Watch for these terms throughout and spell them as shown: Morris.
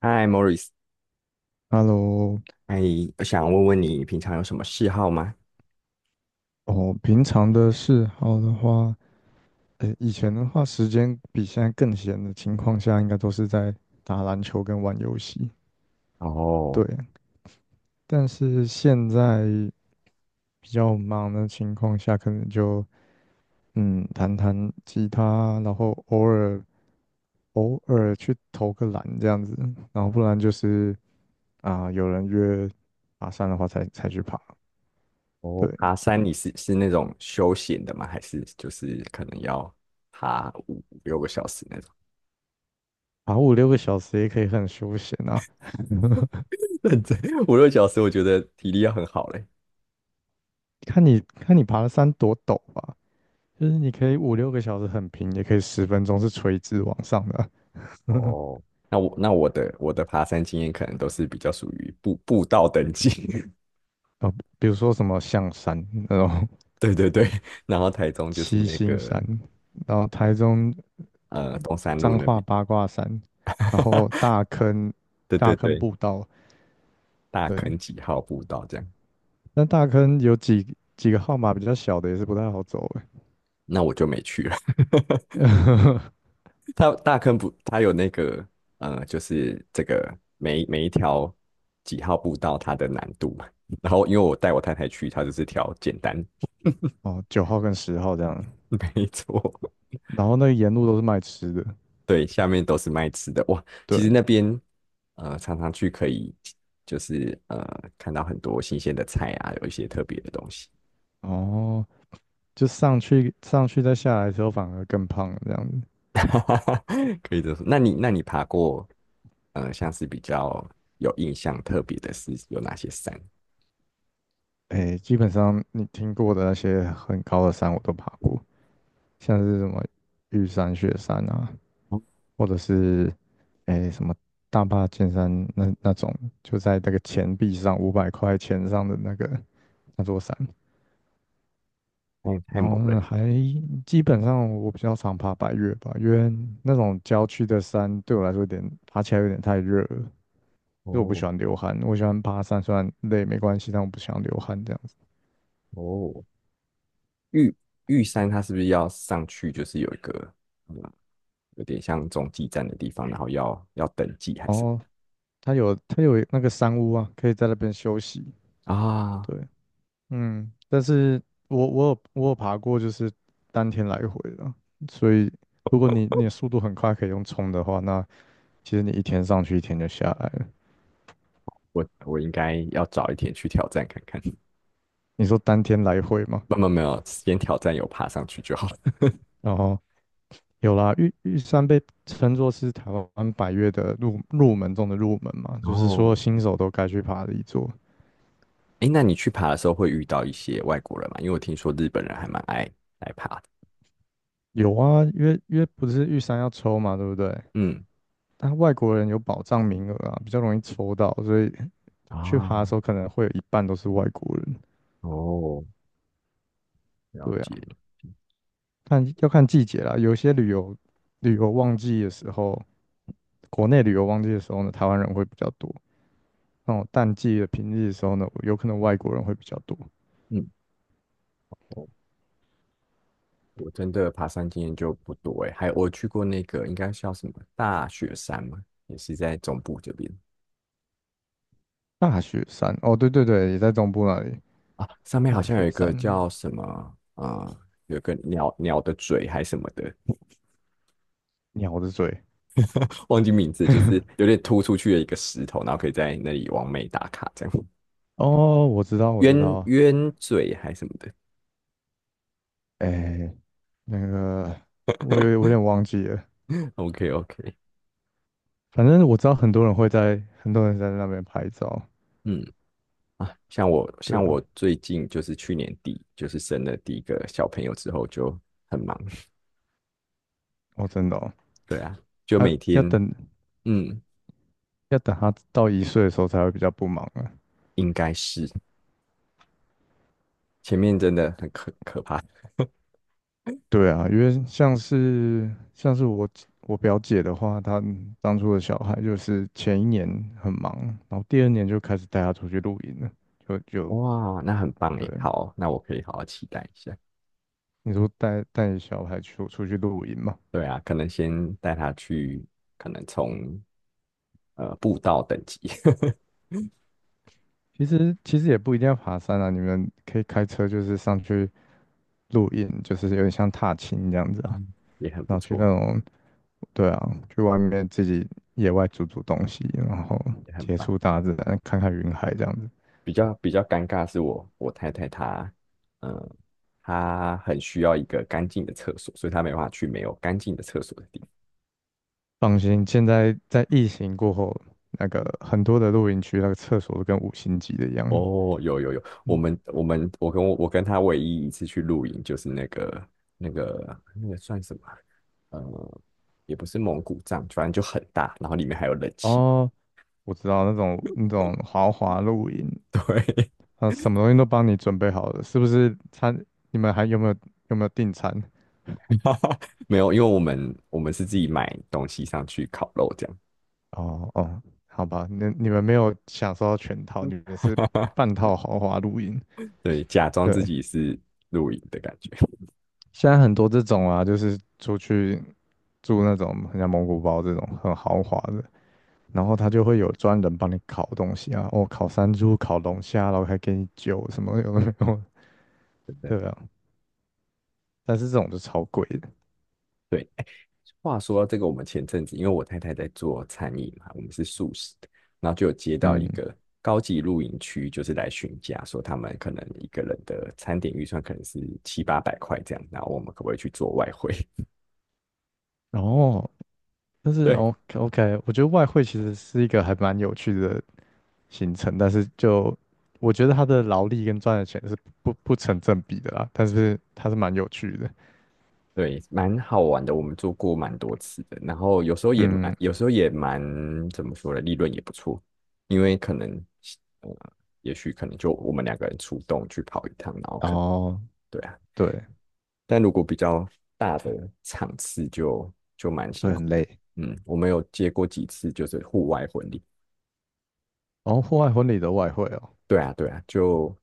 嗨，Morris，Hello，哎，我想问问你平常有什么嗜好吗？哦，平常的嗜好的话，诶，以前的话，时间比现在更闲的情况下，应该都是在打篮球跟玩游戏。然对，后，但是现在比较忙的情况下，可能就弹弹吉他，然后偶尔去投个篮这样子，然后不然就是啊、有人约爬山的话才去爬。哦，对，爬山你是那种休闲的吗？还是就是可能要爬五六个小时那种？爬五六个小时也可以很休闲啊。认真，五六小时我觉得体力要很好嘞。看你爬的山多陡吧，就是你可以五六个小时很平，也可以10分钟是垂直往上的啊。哦，那我的爬山经验可能都是比较属于步道等级。呃，比如说什么象山那种 对对对。然后台 中就是七那星个山，然后台中东山路彰那化边。八卦山，然后大 坑对大对坑对，步道，大对，坑几号步道这样，那大坑有几个号码比较小的也是不太好走诶，那我就没去了。它大坑不，它有那个就是这个每一条几号步道它的难度嘛。然后因为我带我太太去，它就是挑简单。哦，9号跟10号这样，没错，然后那个沿路都是卖吃的，对，下面都是卖吃的哇。对，其实那边常常去可以就是看到很多新鲜的菜啊，有一些特别的东西。哦，就上去再下来的时候反而更胖了这样 可以这么说。那你爬过像是比较有印象特别的是有哪些山？哎，基本上你听过的那些很高的山我都爬过，像是什么玉山、雪山啊，哦或者是哎什么大霸尖山那种，就在那个钱币上500块钱上的那个那座山。太然猛后了。呢，基本上我比较常爬百岳吧，因为那种郊区的山对我来说爬起来有点太热了，因为我不哦，喜欢流汗，我喜欢爬山虽然累没关系，但我不喜欢流汗这样子。哦，玉玉山它是不是要上去？就是有一个，嗯，有点像中继站的地方，然后要登记还是？哦，它有那个山屋啊，可以在那边休息。啊，对，嗯，但是我有爬过，就是当天来回的，所以如果你的速度很快，可以用冲的话，那其实你一天上去，一天就下来了。我应该要早一点去挑战看看。你说当天来回嘛，没有没有，先挑战有爬上去就好了。然后有啦，玉山被称作是台湾百岳的入门中的入门嘛，就是说哦，新手都该去爬的一座。哎，那你去爬的时候会遇到一些外国人吗？因为我听说日本人还蛮爱来爬的。有啊，因为不是玉山要抽嘛，对不对？嗯，但外国人有保障名额啊，比较容易抽到，所以去爬啊，的时候，可能会有一半都是外国人。哦，了对啊，解。看要看季节啦，有些旅游旺季的时候，国内旅游旺季的时候呢，台湾人会比较多。那种淡季的平日的时候呢，有可能外国人会比较多。嗯。我真的爬山经验就不多诶，还有我去过那个应该叫什么大雪山嘛，也是在中部这边大雪山，哦，对对对，也在中部那里。啊，上面好大像有雪一个山，叫什么啊、有个鸟的嘴还什么的。鸟的嘴。忘记名字，就是 有点突出去的一个石头，然后可以在那里完美打卡这样，哦，我知道，我知鸳道。鸳嘴还什么的。 哎，那个，我有点忘记了。，OK OK，反正我知道很多人会在，很多人在那边拍照。嗯啊，像我对像啊，我最近就是去年底就是生了第一个小朋友之后就很忙。哦，真的哦，对啊，就啊，每天。要等嗯，要等他到1岁的时候才会比较不忙啊。应该是前面真的很可怕。对啊，因为像是我表姐的话，她当初的小孩就是前一年很忙，然后第二年就开始带他出去露营了，就哇，那很棒诶，对。好，那我可以好好期待一下。你说带小孩出去露营嘛？对啊，可能先带他去，可能从步道等级。其实也不一定要爬山啊，你们可以开车就是上去露营，就是有点像踏青这样子啊，嗯，也很然不后去那错，种，对啊，去外面自己野外煮煮东西，然后也很接棒。触大自然，看看云海这样子。比较尴尬是我太太她，嗯，她很需要一个干净的厕所，所以她没办法去没有干净的厕所的地方。放心，现在在疫情过后，那个很多的露营区那个厕所都跟五星级的一样。哦，有有有，我嗯，们我们我跟她唯一一次去露营就是那个那个算什么？呃，也不是蒙古帐，反正就很大，然后里面还有冷气。哦，我知道那种豪华露营，对，啊，什么东西都帮你准备好了，是不是餐？你们还有没有订餐？没有，因为我们是自己买东西上去烤肉这哦哦，好吧，那你们没有享受到全套，你们是样。半套豪华露营。对，假装自对，己是露营的感觉。现在很多这种啊，就是出去住那种很像蒙古包这种很豪华的，然后他就会有专人帮你烤东西啊，哦，烤山猪、烤龙虾，然后还给你酒什么有的没有，对 对对啊，但是这种就超贵的，对，哎话说到这个，我们前阵子因为我太太在做餐饮嘛，我们是素食的，然后就有接到一嗯，个高级露营区，就是来询价，说他们可能一个人的餐点预算可能是七八百块这样，然后我们可不可以去做外汇？然后但 是 对，OK OK，我觉得外汇其实是一个还蛮有趣的行程，但是就我觉得他的劳力跟赚的钱是不成正比的啦，但是它是蛮有趣的，对，蛮好玩的，我们做过蛮多次的，然后有时候也蛮，嗯，有时候也蛮，怎么说呢，利润也不错，因为可能，呃，也许可能就我们两个人出动去跑一趟，然后然可能后对啊，对，但如果比较大的场次就蛮就辛会苦很的。累。嗯，我们有接过几次就是户外婚礼，然后户外婚礼的外汇哦，对啊，对啊，就，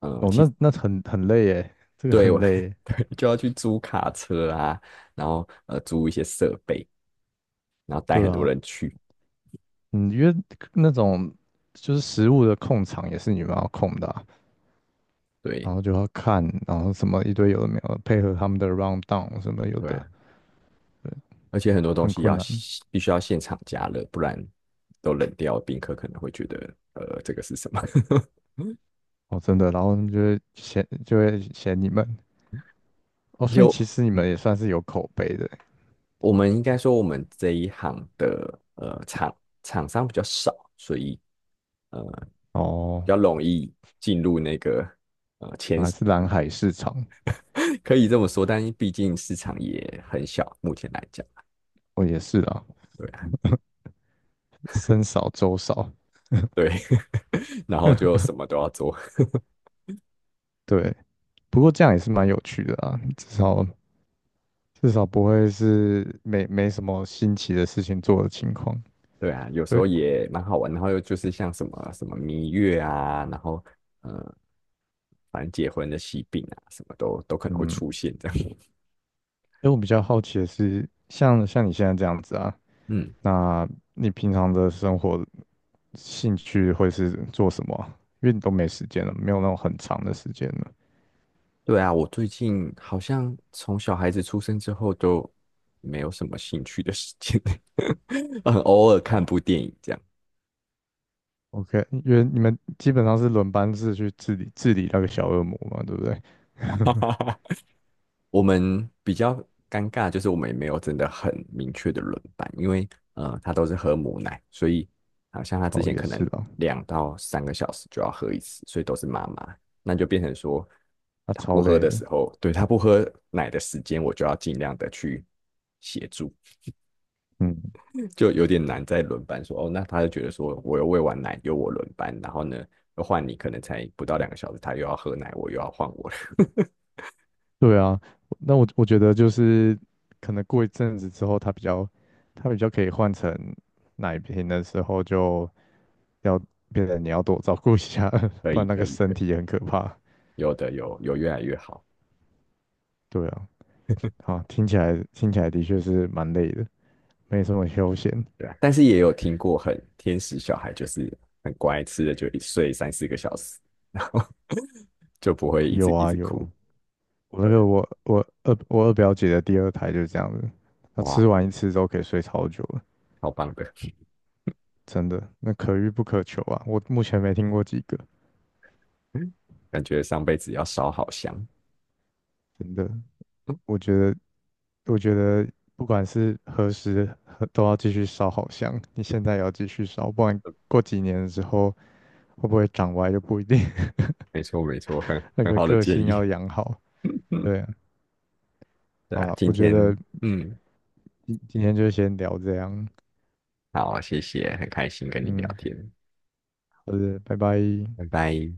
嗯、哦，其实那很累耶，这个对很我，累耶。对，就要去租卡车啊，然后租一些设备，然后带对很多啊，人去。嗯，因为那种就是食物的控场也是你们要控的啊然对。后就要看，然后什么一堆有的没有的，配合他们的 round down 什么有对的，啊，对，而且很多东很西困要难必须要现场加热，不然都冷掉，宾客可能会觉得这个是什么？哦，真的。然后他们就会嫌你们哦，所以就其实你嗯们也算是有口碑的我们应该说我们这一行的厂商比较少，所以呃哦，比较容易进入那个。 还是蓝海市场，可以这么说，但毕竟市场也很小，目前来讲，哦，也是啊，对啊，僧少粥少。对。然后就 什么都要做。对，不过这样也是蛮有趣的啊，至少不会是没什么新奇的事情做的情况。对啊，有时对，候也蛮好玩，然后又就是像什么什么蜜月啊，然后呃反正结婚的喜病啊，什么都可能会嗯，因出现这样。为我比较好奇的是，像你现在这样子啊，嗯，那你平常的生活兴趣会是做什么啊？因为你都没时间了，没有那种很长的时间了。对啊，我最近好像从小孩子出生之后都没有什么兴趣的事情。很偶尔看哇，部电影这样。OK，因为你们基本上是轮班制去治理治理那个小恶魔嘛，对不对？我们比较尴尬，就是我们也没有真的很明确的轮班，因为他都是喝母奶，所以好像他之哦，前也可是能啦，2到3个小时就要喝一次，所以都是妈妈，那就变成说他他超不喝累的的。时候，对，他不喝奶的时间，我就要尽量的去协助，嗯就有点难在轮班说哦，那他就觉得说我又喂完奶，由我轮班，然后呢又换你，可能才不到2个小时，他又要喝奶，我又要换我了。对啊，那我觉得就是可能过一阵子之后，它比较可以换成奶瓶的时候，就要变得你要多照顾一下，可不以然那可个以可身以，体也很可怕。有的有越来越好。对啊，好，听起来的确是蛮累的，没什么休闲。对啊，但是也有听过很天使小孩，就是很乖，吃了就一睡3、4个小时，然后 就不会一有直一啊直有，哭。我那对，个我我二我二表姐的第二胎就是这样子，她吃哇，完一次之后可以睡超久了，超棒的。真的，那可遇不可求啊。我目前没听过几个，感觉上辈子要烧好香。真的，嗯我觉得。我觉得不管是何时和都要继续烧好香，你现在也要继续烧，不然过几年之后会不会长歪就不一定。没错没错，很 那很个好的个建性议。要养好。嗯，对啊，对好啊，了，今我觉天得嗯，今天就先聊这样，好，谢谢，很开心跟你聊嗯，天，好的，拜拜。拜拜。